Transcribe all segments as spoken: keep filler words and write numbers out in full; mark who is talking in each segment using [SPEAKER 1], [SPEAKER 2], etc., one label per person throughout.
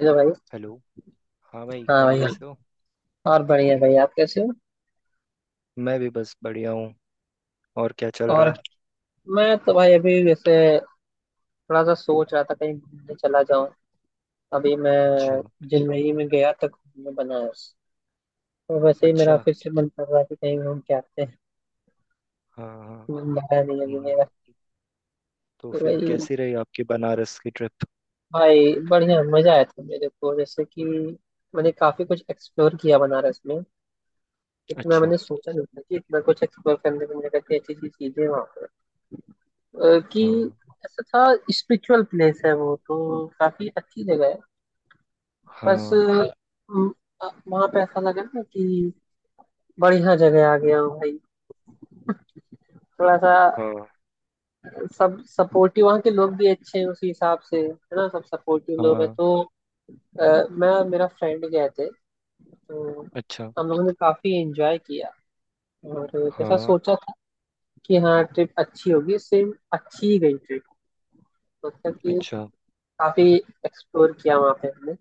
[SPEAKER 1] Hello भाई।
[SPEAKER 2] Hello. हाँ भाई,
[SPEAKER 1] हाँ
[SPEAKER 2] और
[SPEAKER 1] भाई,
[SPEAKER 2] कैसे हो?
[SPEAKER 1] और बढ़िया भाई, आप कैसे हो?
[SPEAKER 2] मैं भी बस बढ़िया हूँ। और क्या चल रहा
[SPEAKER 1] और,
[SPEAKER 2] है?
[SPEAKER 1] मैं तो भाई अभी वैसे थोड़ा सा सोच रहा था कहीं घूमने चला जाऊं। अभी मैं
[SPEAKER 2] अच्छा।
[SPEAKER 1] जलमई में गया था घूमने, बनारस। तो वैसे ही मेरा
[SPEAKER 2] अच्छा।
[SPEAKER 1] फिर से मन कर रहा है कि कहीं घूम के आते हैं।
[SPEAKER 2] हाँ हाँ।
[SPEAKER 1] मन भरा नहीं अभी
[SPEAKER 2] हम्म,
[SPEAKER 1] मेरा।
[SPEAKER 2] तो
[SPEAKER 1] तो
[SPEAKER 2] फिर
[SPEAKER 1] भाई,
[SPEAKER 2] कैसी रही आपकी बनारस की ट्रिप?
[SPEAKER 1] भाई बढ़िया मजा आया था मेरे को, जैसे कि मैंने काफी कुछ एक्सप्लोर किया बनारस में। इतना
[SPEAKER 2] अच्छा।
[SPEAKER 1] मैंने सोचा नहीं था कि इतना कुछ एक्सप्लोर करने को मिलेगा, कि अच्छी अच्छी चीजें वहाँ अ, कि
[SPEAKER 2] हाँ
[SPEAKER 1] ऐसा था। स्पिरिचुअल प्लेस है वो, तो काफी अच्छी जगह है। बस
[SPEAKER 2] हाँ
[SPEAKER 1] वहां पे ऐसा लगा ना कि बढ़िया जगह आ गया हूँ भाई। थोड़ा सा
[SPEAKER 2] हाँ
[SPEAKER 1] सब सपोर्टिव, वहाँ के लोग भी अच्छे हैं उसी हिसाब से, है ना, सब सपोर्टिव लोग हैं।
[SPEAKER 2] हाँ।
[SPEAKER 1] तो अ, मैं और मेरा फ्रेंड गए थे। तो
[SPEAKER 2] अच्छा।
[SPEAKER 1] हम लोगों ने काफी एंजॉय किया। और जैसा
[SPEAKER 2] हाँ।
[SPEAKER 1] सोचा था कि हाँ ट्रिप अच्छी होगी, सेम अच्छी ही गई ट्रिप। मतलब कि
[SPEAKER 2] अच्छा।
[SPEAKER 1] काफी एक्सप्लोर किया वहाँ पे हमने।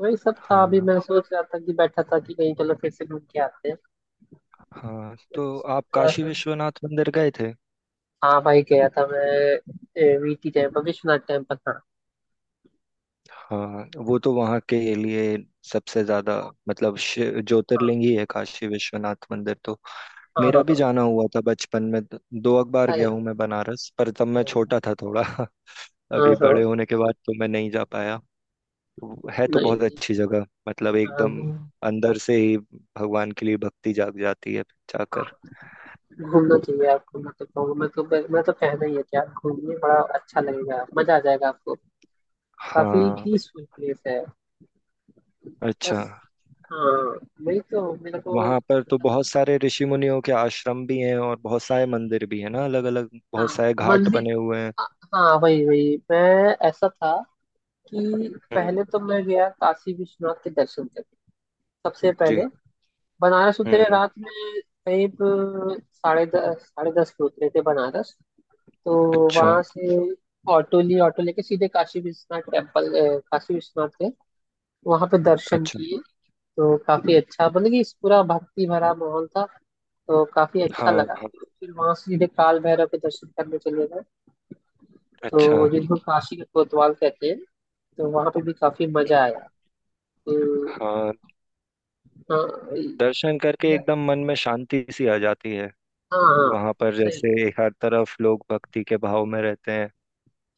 [SPEAKER 1] वही सब था, अभी
[SPEAKER 2] हाँ
[SPEAKER 1] मैं सोच रहा था कि बैठा था कि नहीं, चलो फिर से घूम के आते हैं।
[SPEAKER 2] हाँ, तो आप
[SPEAKER 1] थोड़ा
[SPEAKER 2] काशी
[SPEAKER 1] सा।
[SPEAKER 2] विश्वनाथ मंदिर गए थे?
[SPEAKER 1] हाँ भाई, गया था मैं, वीटी टेम्पल, विश्वनाथ टेम्पल। हाँ।
[SPEAKER 2] हाँ, वो तो वहाँ के लिए सबसे ज्यादा मतलब शि- ज्योतिर्लिंग ही है काशी विश्वनाथ मंदिर तो।
[SPEAKER 1] हाँ
[SPEAKER 2] मेरा
[SPEAKER 1] हाँ हाँ
[SPEAKER 2] भी
[SPEAKER 1] हाँ।
[SPEAKER 2] जाना हुआ था बचपन में, द- दो एक बार
[SPEAKER 1] अरे,
[SPEAKER 2] गया हूँ मैं बनारस, पर तब मैं
[SPEAKER 1] अरे,
[SPEAKER 2] छोटा था थोड़ा
[SPEAKER 1] हाँ
[SPEAKER 2] अभी
[SPEAKER 1] हाँ।
[SPEAKER 2] बड़े होने के बाद तो मैं नहीं जा पाया। वो- है तो
[SPEAKER 1] नहीं
[SPEAKER 2] बहुत
[SPEAKER 1] नहीं।
[SPEAKER 2] अच्छी जगह, मतलब
[SPEAKER 1] हाँ,
[SPEAKER 2] एकदम
[SPEAKER 1] घूम।
[SPEAKER 2] अंदर से ही भगवान के लिए भक्ति जाग जाती है
[SPEAKER 1] हाँ,
[SPEAKER 2] जाकर।
[SPEAKER 1] घूमना चाहिए आपको, मैं तो कहूँगा। मैं तो मैं, मैं तो कहना ही है कि आप घूमिए, बड़ा अच्छा लगेगा, मजा आ जाएगा आपको। काफी
[SPEAKER 2] हाँ।
[SPEAKER 1] पीसफुल प्लेस है। बस।
[SPEAKER 2] अच्छा।
[SPEAKER 1] हाँ, वही तो मेरे को
[SPEAKER 2] वहां पर तो
[SPEAKER 1] ऐसा
[SPEAKER 2] बहुत
[SPEAKER 1] लगा।
[SPEAKER 2] सारे ऋषि मुनियों के आश्रम भी हैं और बहुत सारे मंदिर भी हैं ना, अलग अलग
[SPEAKER 1] हाँ,
[SPEAKER 2] बहुत सारे घाट
[SPEAKER 1] मंदिर।
[SPEAKER 2] बने हुए हैं।
[SPEAKER 1] हाँ हाँ, वही वही। मैं ऐसा था कि
[SPEAKER 2] हम्म।
[SPEAKER 1] पहले तो मैं गया काशी विश्वनाथ के दर्शन करने, सबसे पहले।
[SPEAKER 2] जी।
[SPEAKER 1] बनारस
[SPEAKER 2] हम्म
[SPEAKER 1] उतरे
[SPEAKER 2] हम्म।
[SPEAKER 1] रात में, करीब साढ़े दस, साढ़े दस पे उतरे थे बनारस। तो
[SPEAKER 2] अच्छा।
[SPEAKER 1] वहां से ऑटो लिए, ऑटो लेके सीधे काशी विश्वनाथ टेम्पल, अ, काशी विश्वनाथ गए। वहां पे दर्शन
[SPEAKER 2] अच्छा।
[SPEAKER 1] किए। तो काफी अच्छा, मतलब कि इस पूरा भक्ति भरा माहौल था, तो काफी अच्छा
[SPEAKER 2] हाँ
[SPEAKER 1] लगा।
[SPEAKER 2] हाँ।
[SPEAKER 1] फिर वहां से सीधे काल भैरव के दर्शन करने चले गए।
[SPEAKER 2] अच्छा।
[SPEAKER 1] तो जिनको काशी के कोतवाल कहते हैं, तो वहां पे भी काफी मजा
[SPEAKER 2] हम्म।
[SPEAKER 1] आया। तो
[SPEAKER 2] हाँ,
[SPEAKER 1] हाँ।
[SPEAKER 2] दर्शन करके
[SPEAKER 1] या-
[SPEAKER 2] एकदम मन में शांति सी आ जाती है।
[SPEAKER 1] हाँ हाँ।
[SPEAKER 2] वहां पर
[SPEAKER 1] सही।
[SPEAKER 2] जैसे हर तरफ लोग भक्ति के भाव में रहते हैं।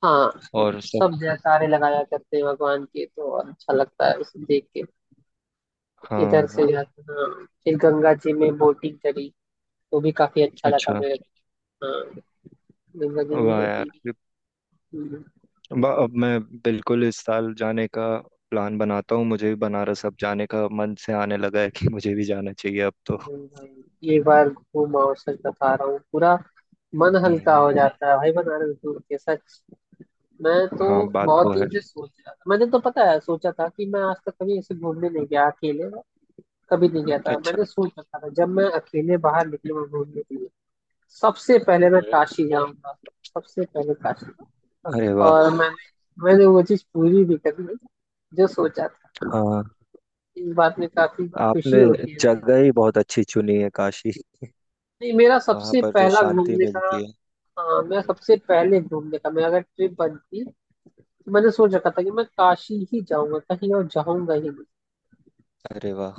[SPEAKER 1] हाँ।
[SPEAKER 2] और सब।
[SPEAKER 1] सब जयकारे लगाया करते हैं भगवान के, तो और अच्छा लगता है उसे देख के।
[SPEAKER 2] हाँ
[SPEAKER 1] इधर से
[SPEAKER 2] हाँ।
[SPEAKER 1] जाते हाँ, फिर गंगा जी में बोटिंग करी। वो भी काफी अच्छा लगा
[SPEAKER 2] अच्छा।
[SPEAKER 1] मेरे को। हाँ, गंगा जी में
[SPEAKER 2] वाह यार।
[SPEAKER 1] बोटिंग।
[SPEAKER 2] ब- अब मैं बिल्कुल इस साल जाने का प्लान बनाता हूँ। मुझे भी बनारस अब जाने का मन से आने लगा है कि मुझे भी जाना चाहिए अब तो।
[SPEAKER 1] ये बार घूम, और सच बता रहा हूँ पूरा, मन हल्का
[SPEAKER 2] हम्म।
[SPEAKER 1] हो जाता है भाई बनारस घूम के, सच। मैं तो
[SPEAKER 2] हाँ बात
[SPEAKER 1] बहुत
[SPEAKER 2] तो है।
[SPEAKER 1] दिन से सोच रहा था, मैंने तो पता है सोचा था कि मैं आज तक कभी ऐसे घूमने नहीं गया अकेले, कभी नहीं गया था।
[SPEAKER 2] अच्छा।
[SPEAKER 1] मैंने सोच रखा था जब मैं अकेले बाहर निकलूंगा घूमने के लिए, सबसे पहले मैं
[SPEAKER 2] हम्म।
[SPEAKER 1] काशी जाऊंगा। सबसे पहले काशी।
[SPEAKER 2] अरे
[SPEAKER 1] और
[SPEAKER 2] वाह।
[SPEAKER 1] मैंने मैंने वो चीज पूरी भी कर ली जो सोचा था।
[SPEAKER 2] हाँ।
[SPEAKER 1] इस बात में काफी खुशी
[SPEAKER 2] आपने
[SPEAKER 1] होती है मुझे।
[SPEAKER 2] जगह ही बहुत अच्छी चुनी है, काशी।
[SPEAKER 1] नहीं, मेरा
[SPEAKER 2] वहाँ
[SPEAKER 1] सबसे
[SPEAKER 2] पर जो
[SPEAKER 1] पहला
[SPEAKER 2] शांति
[SPEAKER 1] घूमने का।
[SPEAKER 2] मिलती है।
[SPEAKER 1] हाँ, मेरा
[SPEAKER 2] हम्म।
[SPEAKER 1] सबसे पहले घूमने का, मैं अगर ट्रिप बनती तो मैंने सोच रखा था कि मैं काशी ही जाऊंगा, कहीं और जाऊंगा ही नहीं।
[SPEAKER 2] अरे वाह।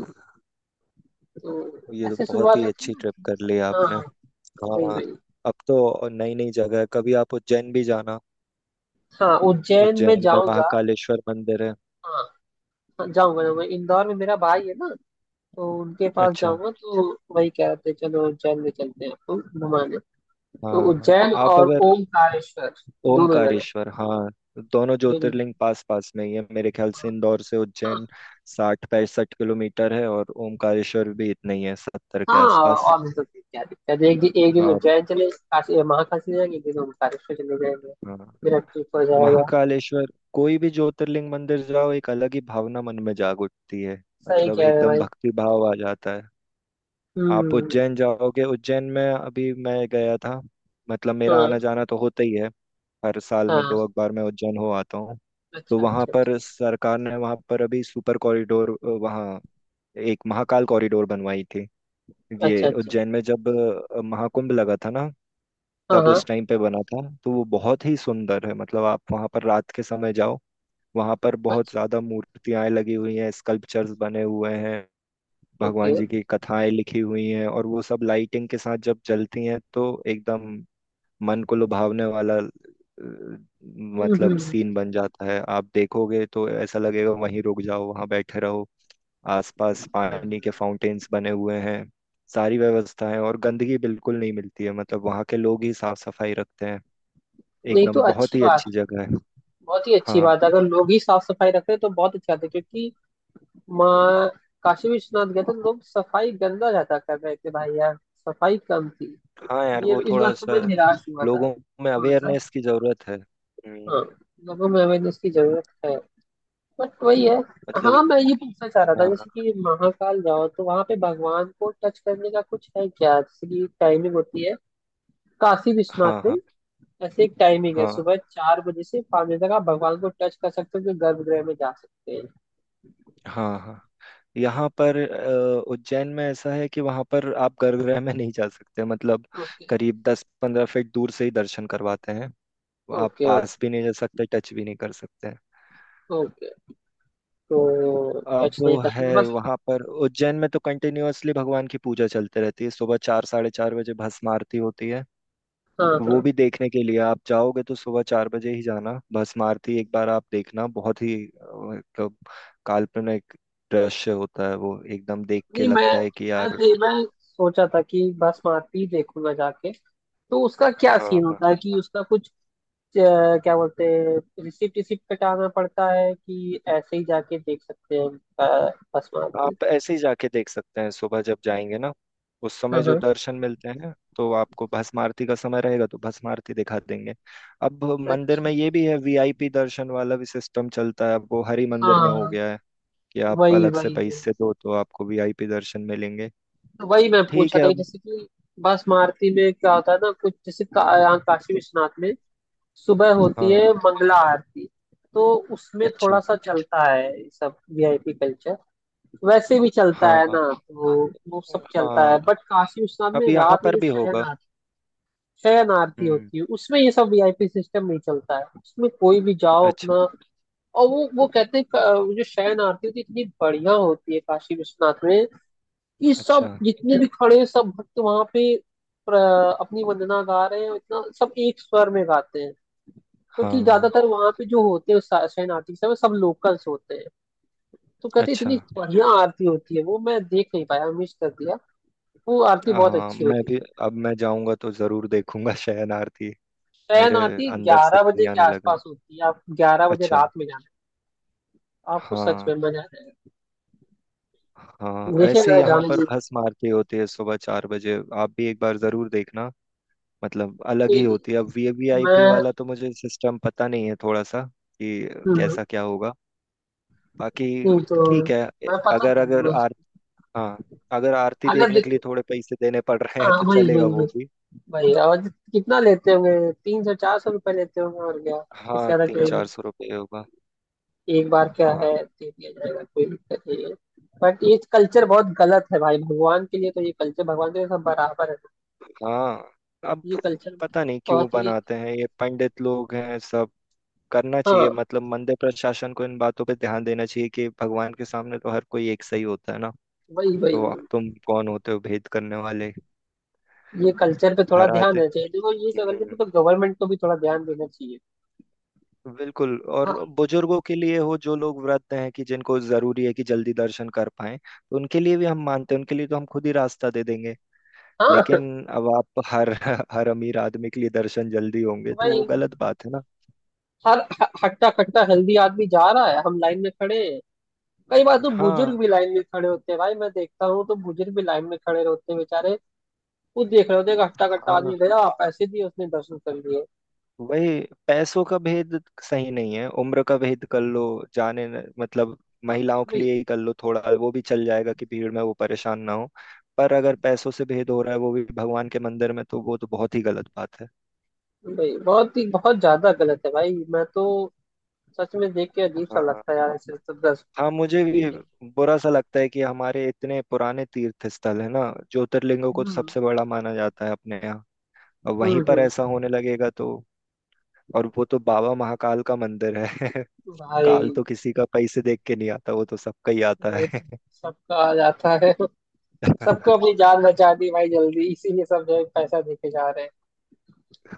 [SPEAKER 1] तो
[SPEAKER 2] ये तो
[SPEAKER 1] ऐसे
[SPEAKER 2] बहुत
[SPEAKER 1] शुरुआत
[SPEAKER 2] ही
[SPEAKER 1] होती है
[SPEAKER 2] अच्छी ट्रिप
[SPEAKER 1] ना।
[SPEAKER 2] कर ली
[SPEAKER 1] हाँ
[SPEAKER 2] आपने।
[SPEAKER 1] हाँ। वही
[SPEAKER 2] हाँ।
[SPEAKER 1] वही।
[SPEAKER 2] अब तो नई नई जगह है, कभी आप उज्जैन भी जाना।
[SPEAKER 1] हाँ, उज्जैन में
[SPEAKER 2] उज्जैन में
[SPEAKER 1] जाऊंगा।
[SPEAKER 2] महाकालेश्वर मंदिर है।
[SPEAKER 1] हाँ, जाऊंगा जाऊंगा, इंदौर में मेरा भाई है ना, तो उनके पास
[SPEAKER 2] अच्छा।
[SPEAKER 1] जाऊंगा तो वही कह रहे थे चलो उज्जैन में चलते हैं, तो घुमाने। तो
[SPEAKER 2] हाँ हाँ।
[SPEAKER 1] उज्जैन
[SPEAKER 2] आप
[SPEAKER 1] और
[SPEAKER 2] अगर
[SPEAKER 1] ओमकारेश्वर, दोनों जगह,
[SPEAKER 2] ओमकारेश्वर, हाँ, दोनों
[SPEAKER 1] दोनों जगह।
[SPEAKER 2] ज्योतिर्लिंग पास पास में ही है मेरे ख्याल से। इंदौर से उज्जैन
[SPEAKER 1] हाँ
[SPEAKER 2] साठ पैंसठ किलोमीटर है और ओमकारेश्वर भी इतना ही है, सत्तर के
[SPEAKER 1] हाँ,
[SPEAKER 2] आसपास।
[SPEAKER 1] और भी तो क्या दिक्कत है, एक दिन एक
[SPEAKER 2] तो
[SPEAKER 1] दिन
[SPEAKER 2] आप,
[SPEAKER 1] उज्जैन चले काशी महाकाशी जाएंगे, एक दिन ओमकारेश्वर चले जाएंगे।
[SPEAKER 2] हाँ,
[SPEAKER 1] मेरा ट्रिप हो जाएगा।
[SPEAKER 2] महाकालेश्वर। कोई भी ज्योतिर्लिंग मंदिर जाओ एक अलग ही भावना मन में जाग उठती है,
[SPEAKER 1] सही
[SPEAKER 2] मतलब
[SPEAKER 1] कह रहे हैं
[SPEAKER 2] एकदम
[SPEAKER 1] भाई।
[SPEAKER 2] भक्ति भाव आ जाता है। आप
[SPEAKER 1] हम्म।
[SPEAKER 2] उज्जैन जाओगे, उज्जैन में अभी मैं गया था, मतलब मेरा
[SPEAKER 1] हाँ
[SPEAKER 2] आना जाना तो होता ही है। हर साल में
[SPEAKER 1] हाँ।
[SPEAKER 2] दो अखबार में उज्जैन हो आता हूँ। तो
[SPEAKER 1] अच्छा
[SPEAKER 2] वहाँ
[SPEAKER 1] अच्छा
[SPEAKER 2] पर
[SPEAKER 1] अच्छा।
[SPEAKER 2] सरकार ने वहाँ पर अभी सुपर कॉरिडोर, वहाँ एक महाकाल कॉरिडोर बनवाई थी।
[SPEAKER 1] अच्छा
[SPEAKER 2] ये
[SPEAKER 1] अच्छा।
[SPEAKER 2] उज्जैन में जब अ, महाकुंभ लगा था ना,
[SPEAKER 1] हाँ
[SPEAKER 2] तब उस
[SPEAKER 1] हाँ।
[SPEAKER 2] टाइम पे बना था, तो वो बहुत ही सुंदर है। मतलब आप वहाँ पर रात के समय जाओ, वहाँ पर बहुत
[SPEAKER 1] अच्छा।
[SPEAKER 2] ज्यादा मूर्तियां लगी हुई हैं, स्कल्पचर्स बने हुए हैं।
[SPEAKER 1] ओके।
[SPEAKER 2] भगवान जी की कथाएं लिखी हुई हैं और वो सब लाइटिंग के साथ जब जलती हैं तो एकदम मन को लुभावने वाला अ,
[SPEAKER 1] हम्म हम्म
[SPEAKER 2] मतलब
[SPEAKER 1] हम्म।
[SPEAKER 2] सीन बन जाता है। आप देखोगे तो ऐसा लगेगा वहीं रुक जाओ, वहां बैठे रहो। आसपास पानी के
[SPEAKER 1] हम्म।
[SPEAKER 2] फाउंटेन्स बने हुए हैं, सारी व्यवस्था है और गंदगी बिल्कुल नहीं मिलती है। मतलब वहाँ के लोग ही साफ सफाई रखते हैं,
[SPEAKER 1] नहीं तो
[SPEAKER 2] एकदम बहुत
[SPEAKER 1] अच्छी
[SPEAKER 2] ही अच्छी
[SPEAKER 1] बात,
[SPEAKER 2] जगह है।
[SPEAKER 1] बहुत ही अच्छी
[SPEAKER 2] हाँ।
[SPEAKER 1] बात है अगर लोग ही साफ सफाई रख रहे हैं तो, बहुत अच्छी बात है क्योंकि माँ काशी विश्वनाथ गए थे तो लोग सफाई गंदा ज्यादा कर रहे थे भाई यार, सफाई कम थी।
[SPEAKER 2] हाँ यार,
[SPEAKER 1] ये
[SPEAKER 2] वो
[SPEAKER 1] इस
[SPEAKER 2] थोड़ा
[SPEAKER 1] बात से
[SPEAKER 2] सा
[SPEAKER 1] मैं निराश हुआ था
[SPEAKER 2] लोगों में
[SPEAKER 1] थोड़ा सा।
[SPEAKER 2] अवेयरनेस की जरूरत है। हम्म,
[SPEAKER 1] हाँ, लोगों में अवेयरनेस की जरूरत है। बट वही है।
[SPEAKER 2] मतलब।
[SPEAKER 1] हाँ, मैं ये पूछना चाह रहा था जैसे
[SPEAKER 2] हाँ
[SPEAKER 1] कि महाकाल जाओ तो वहां पे भगवान को टच करने का कुछ है क्या, जैसे कि टाइमिंग होती है? काशी
[SPEAKER 2] हाँ
[SPEAKER 1] विश्वनाथ
[SPEAKER 2] हाँ
[SPEAKER 1] में ऐसे एक टाइमिंग है,
[SPEAKER 2] हाँ।
[SPEAKER 1] सुबह चार बजे से पाँच बजे तक आप भगवान को टच कर सकते हो, जो गर्भगृह में जा सकते हैं।
[SPEAKER 2] हाँ हाँ। यहाँ पर अ, उज्जैन में ऐसा है कि वहाँ पर आप गर्भगृह में नहीं जा सकते। मतलब
[SPEAKER 1] ओके।
[SPEAKER 2] करीब दस पंद्रह फीट दूर से ही दर्शन करवाते हैं। आप
[SPEAKER 1] ओके।
[SPEAKER 2] पास भी नहीं जा सकते, टच भी नहीं कर सकते।
[SPEAKER 1] ओके, तो
[SPEAKER 2] अब
[SPEAKER 1] टच नहीं
[SPEAKER 2] वो है,
[SPEAKER 1] करेंगे बस।
[SPEAKER 2] वहाँ पर उज्जैन में तो कंटिन्यूअसली भगवान की पूजा चलते रहती है। सुबह चार साढ़े चार बजे भस्म आरती होती है।
[SPEAKER 1] हाँ
[SPEAKER 2] वो
[SPEAKER 1] हाँ।
[SPEAKER 2] भी देखने के लिए आप जाओगे तो सुबह चार बजे ही जाना। भस्म आरती एक बार आप देखना, बहुत ही अ, मतलब काल्पनिक दृश्य होता है। वो एकदम देख के
[SPEAKER 1] नहीं, मैं
[SPEAKER 2] लगता है कि
[SPEAKER 1] मैं
[SPEAKER 2] यार,
[SPEAKER 1] दे, मैं सोचा था कि बासमती देखूंगा जाके, तो उसका क्या
[SPEAKER 2] हाँ
[SPEAKER 1] सीन
[SPEAKER 2] हाँ।
[SPEAKER 1] होता है, कि उसका कुछ अ, क्या बोलते हैं, रिसिप्ट, रिसिप्ट कटाना पड़ता है, कि ऐसे ही जाके देख सकते हैं? अ, बासमती।
[SPEAKER 2] आप ऐसे ही जाके देख सकते हैं। सुबह जब जाएंगे ना, उस
[SPEAKER 1] हाँ
[SPEAKER 2] समय जो
[SPEAKER 1] हाँ।
[SPEAKER 2] दर्शन मिलते हैं तो आपको भस्म आरती का समय रहेगा तो भस्म आरती दिखा देंगे। अब मंदिर
[SPEAKER 1] अच्छा।
[SPEAKER 2] में ये भी है, वीआईपी दर्शन वाला भी सिस्टम चलता है। अब वो हरि मंदिर में हो
[SPEAKER 1] हाँ,
[SPEAKER 2] गया है कि आप
[SPEAKER 1] वही
[SPEAKER 2] अलग से
[SPEAKER 1] वही वही,
[SPEAKER 2] पैसे दो तो आपको वीआईपी दर्शन मिलेंगे।
[SPEAKER 1] तो वही मैं
[SPEAKER 2] ठीक
[SPEAKER 1] पूछा
[SPEAKER 2] है
[SPEAKER 1] था कि
[SPEAKER 2] अब।
[SPEAKER 1] जैसे कि बासमती में क्या होता है ना, कुछ जैसे का, यहाँ काशी विश्वनाथ में सुबह होती है
[SPEAKER 2] हाँ।
[SPEAKER 1] मंगला आरती, तो उसमें
[SPEAKER 2] अच्छा।
[SPEAKER 1] थोड़ा सा चलता है ये सब वीआईपी कल्चर, वैसे भी चलता
[SPEAKER 2] हाँ
[SPEAKER 1] है
[SPEAKER 2] हाँ।
[SPEAKER 1] ना तो वो सब चलता
[SPEAKER 2] हाँ।
[SPEAKER 1] है। बट काशी विश्वनाथ
[SPEAKER 2] अब
[SPEAKER 1] में
[SPEAKER 2] यहाँ
[SPEAKER 1] रात में
[SPEAKER 2] पर
[SPEAKER 1] जो
[SPEAKER 2] भी
[SPEAKER 1] शयन
[SPEAKER 2] होगा।
[SPEAKER 1] आरती, शयन आरती
[SPEAKER 2] हम्म।
[SPEAKER 1] होती है उसमें ये सब वीआईपी सिस्टम नहीं चलता है, उसमें कोई भी जाओ
[SPEAKER 2] अच्छा।
[SPEAKER 1] अपना। और वो वो कहते हैं, क- वो जो शयन आरती होती है इतनी बढ़िया होती है काशी विश्वनाथ में, कि सब
[SPEAKER 2] अच्छा।
[SPEAKER 1] जितने भी खड़े हैं, सब भक्त वहां पे प्र- अपनी वंदना गा रहे हैं, और इतना सब एक स्वर में गाते हैं, क्योंकि
[SPEAKER 2] हाँ।
[SPEAKER 1] ज्यादातर वहां पे जो होते हैं शा- शाइन आर्टिस्ट है, वो सब लोकल्स होते हैं। तो कहते हैं,
[SPEAKER 2] अच्छा।
[SPEAKER 1] इतनी बढ़िया आरती होती है, वो मैं देख नहीं पाया, मिस कर दिया। वो आरती बहुत
[SPEAKER 2] हाँ,
[SPEAKER 1] अच्छी
[SPEAKER 2] मैं
[SPEAKER 1] होती
[SPEAKER 2] भी
[SPEAKER 1] है।
[SPEAKER 2] अब मैं जाऊंगा तो जरूर देखूंगा शयन आरती।
[SPEAKER 1] शयन
[SPEAKER 2] मेरे
[SPEAKER 1] आरती
[SPEAKER 2] अंदर से
[SPEAKER 1] ग्यारह
[SPEAKER 2] ही
[SPEAKER 1] बजे के
[SPEAKER 2] आने लगा।
[SPEAKER 1] आसपास होती है, आप ग्यारह बजे
[SPEAKER 2] अच्छा।
[SPEAKER 1] रात में जाना, आपको सच में
[SPEAKER 2] हाँ
[SPEAKER 1] मजा आ जाएगा।
[SPEAKER 2] हाँ, ऐसे
[SPEAKER 1] देखिएगा,
[SPEAKER 2] यहाँ
[SPEAKER 1] जाने
[SPEAKER 2] पर
[SPEAKER 1] की इच्छा
[SPEAKER 2] भस्म
[SPEAKER 1] है।
[SPEAKER 2] आरती होती है सुबह चार बजे। आप भी एक बार जरूर देखना, मतलब अलग
[SPEAKER 1] नहीं,
[SPEAKER 2] ही
[SPEAKER 1] नहीं,
[SPEAKER 2] होती है। अब वीवीआईपी
[SPEAKER 1] मैं।
[SPEAKER 2] वाला तो मुझे सिस्टम पता नहीं है थोड़ा सा कि
[SPEAKER 1] हम्म,
[SPEAKER 2] कैसा क्या होगा। बाकी
[SPEAKER 1] नहीं तो
[SPEAKER 2] ठीक है। ए-
[SPEAKER 1] मैं पता
[SPEAKER 2] अगर
[SPEAKER 1] कर
[SPEAKER 2] अगर
[SPEAKER 1] लूंगा।
[SPEAKER 2] आर हाँ, अगर आरती
[SPEAKER 1] अगर
[SPEAKER 2] देखने के लिए
[SPEAKER 1] देखो,
[SPEAKER 2] थोड़े पैसे देने पड़ रहे हैं
[SPEAKER 1] हाँ,
[SPEAKER 2] तो
[SPEAKER 1] वही वही
[SPEAKER 2] चलेगा
[SPEAKER 1] वही।
[SPEAKER 2] वो भी।
[SPEAKER 1] वही, और कितना लेते होंगे, तीन सौ चार सौ रुपये लेते होंगे, और क्या। इससे
[SPEAKER 2] हाँ,
[SPEAKER 1] ज्यादा
[SPEAKER 2] तीन
[SPEAKER 1] कोई,
[SPEAKER 2] चार सौ रुपये होगा।
[SPEAKER 1] एक बार क्या
[SPEAKER 2] हाँ
[SPEAKER 1] है, दे दिया जाएगा, कोई दिक्कत नहीं है। बट ये कल्चर बहुत गलत है भाई, भगवान के लिए तो, ये कल्चर, भगवान के लिए सब बराबर है।
[SPEAKER 2] हाँ। अब
[SPEAKER 1] ये कल्चर
[SPEAKER 2] पता नहीं क्यों
[SPEAKER 1] बहुत ही।
[SPEAKER 2] बनाते हैं ये पंडित लोग हैं सब। करना
[SPEAKER 1] हाँ
[SPEAKER 2] चाहिए, मतलब मंदिर प्रशासन को इन बातों पे ध्यान देना चाहिए कि भगवान के सामने तो हर कोई एक सही होता है ना।
[SPEAKER 1] वही वही
[SPEAKER 2] तो
[SPEAKER 1] वही।
[SPEAKER 2] तुम कौन होते हो भेद करने वाले।
[SPEAKER 1] ये कल्चर पे थोड़ा
[SPEAKER 2] हर
[SPEAKER 1] ध्यान
[SPEAKER 2] आज
[SPEAKER 1] देना चाहिए, देखो, ये सब कल्चर पे तो गवर्नमेंट को भी थोड़ा ध्यान देना चाहिए।
[SPEAKER 2] बिल्कुल, और
[SPEAKER 1] हाँ
[SPEAKER 2] बुजुर्गों के लिए हो, जो लोग व्रत हैं कि जिनको जरूरी है कि जल्दी दर्शन कर पाए तो उनके लिए भी हम मानते हैं, उनके लिए तो हम खुद ही रास्ता दे देंगे।
[SPEAKER 1] हाँ।
[SPEAKER 2] लेकिन अब आप हर हर अमीर आदमी के लिए दर्शन जल्दी होंगे तो
[SPEAKER 1] भाई,
[SPEAKER 2] वो गलत बात है ना।
[SPEAKER 1] हर ह- हट्टा कट्टा हेल्दी आदमी जा रहा है, हम लाइन में खड़े हैं। कई बार तो
[SPEAKER 2] हाँ
[SPEAKER 1] बुजुर्ग भी लाइन में खड़े होते हैं भाई, मैं देखता हूँ तो बुजुर्ग भी लाइन में खड़े होते हैं बेचारे। वो देख रहे होते हैं कि हट्टा कट्टा आदमी
[SPEAKER 2] हाँ।
[SPEAKER 1] गया, आप पैसे दिए उसने दर्शन कर लिए।
[SPEAKER 2] वही पैसों का भेद सही नहीं है, उम्र का भेद कर लो। जाने न- मतलब महिलाओं के लिए ही कर लो थोड़ा, वो भी चल जाएगा कि भीड़ में वो परेशान ना हो। पर अगर पैसों से भेद हो रहा है वो भी भगवान के मंदिर में, तो वो तो बहुत ही गलत बात है।
[SPEAKER 1] भाई बहुत ही, बहुत ज्यादा गलत है भाई, मैं तो सच में देख के अजीब सा
[SPEAKER 2] हाँ
[SPEAKER 1] लगता है यार, ऐसे तो दस
[SPEAKER 2] हाँ। मुझे भी
[SPEAKER 1] फीलिंग।
[SPEAKER 2] बुरा सा लगता है कि हमारे इतने पुराने तीर्थ स्थल है ना, ज्योतिर्लिंगों को तो
[SPEAKER 1] हम्म
[SPEAKER 2] सबसे बड़ा माना जाता है अपने यहाँ। अब वहीं
[SPEAKER 1] हम्म
[SPEAKER 2] पर
[SPEAKER 1] हम्म।
[SPEAKER 2] ऐसा होने लगेगा तो। और वो तो बाबा महाकाल का मंदिर है
[SPEAKER 1] भाई।
[SPEAKER 2] काल तो किसी का पैसे देख के नहीं आता, वो तो सबका ही आता
[SPEAKER 1] भाई,
[SPEAKER 2] है
[SPEAKER 1] सबका आ जाता है। सबको अपनी जान बचा दी भाई जल्दी, इसीलिए सब जो है पैसा देके जा रहे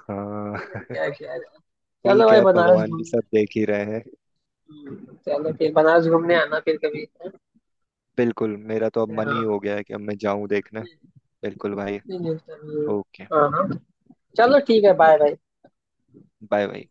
[SPEAKER 2] हाँ
[SPEAKER 1] हैं, क्या क्या। चलो
[SPEAKER 2] ठीक है,
[SPEAKER 1] भाई
[SPEAKER 2] अब
[SPEAKER 1] बनारस
[SPEAKER 2] भगवान भी
[SPEAKER 1] घूमने।
[SPEAKER 2] सब देख ही रहे हैं।
[SPEAKER 1] हम्म, चलो फिर बनारस घूमने आना फिर कभी।
[SPEAKER 2] बिल्कुल, मेरा तो अब मन ही
[SPEAKER 1] हाँ।
[SPEAKER 2] हो गया है कि अब मैं जाऊं देखने।
[SPEAKER 1] नहीं,
[SPEAKER 2] बिल्कुल भाई।
[SPEAKER 1] नहीं, नहीं, चलो।
[SPEAKER 2] ओके।
[SPEAKER 1] हाँ हाँ। चलो
[SPEAKER 2] ठीक है।
[SPEAKER 1] ठीक है, बाय बाय।
[SPEAKER 2] Bye bye.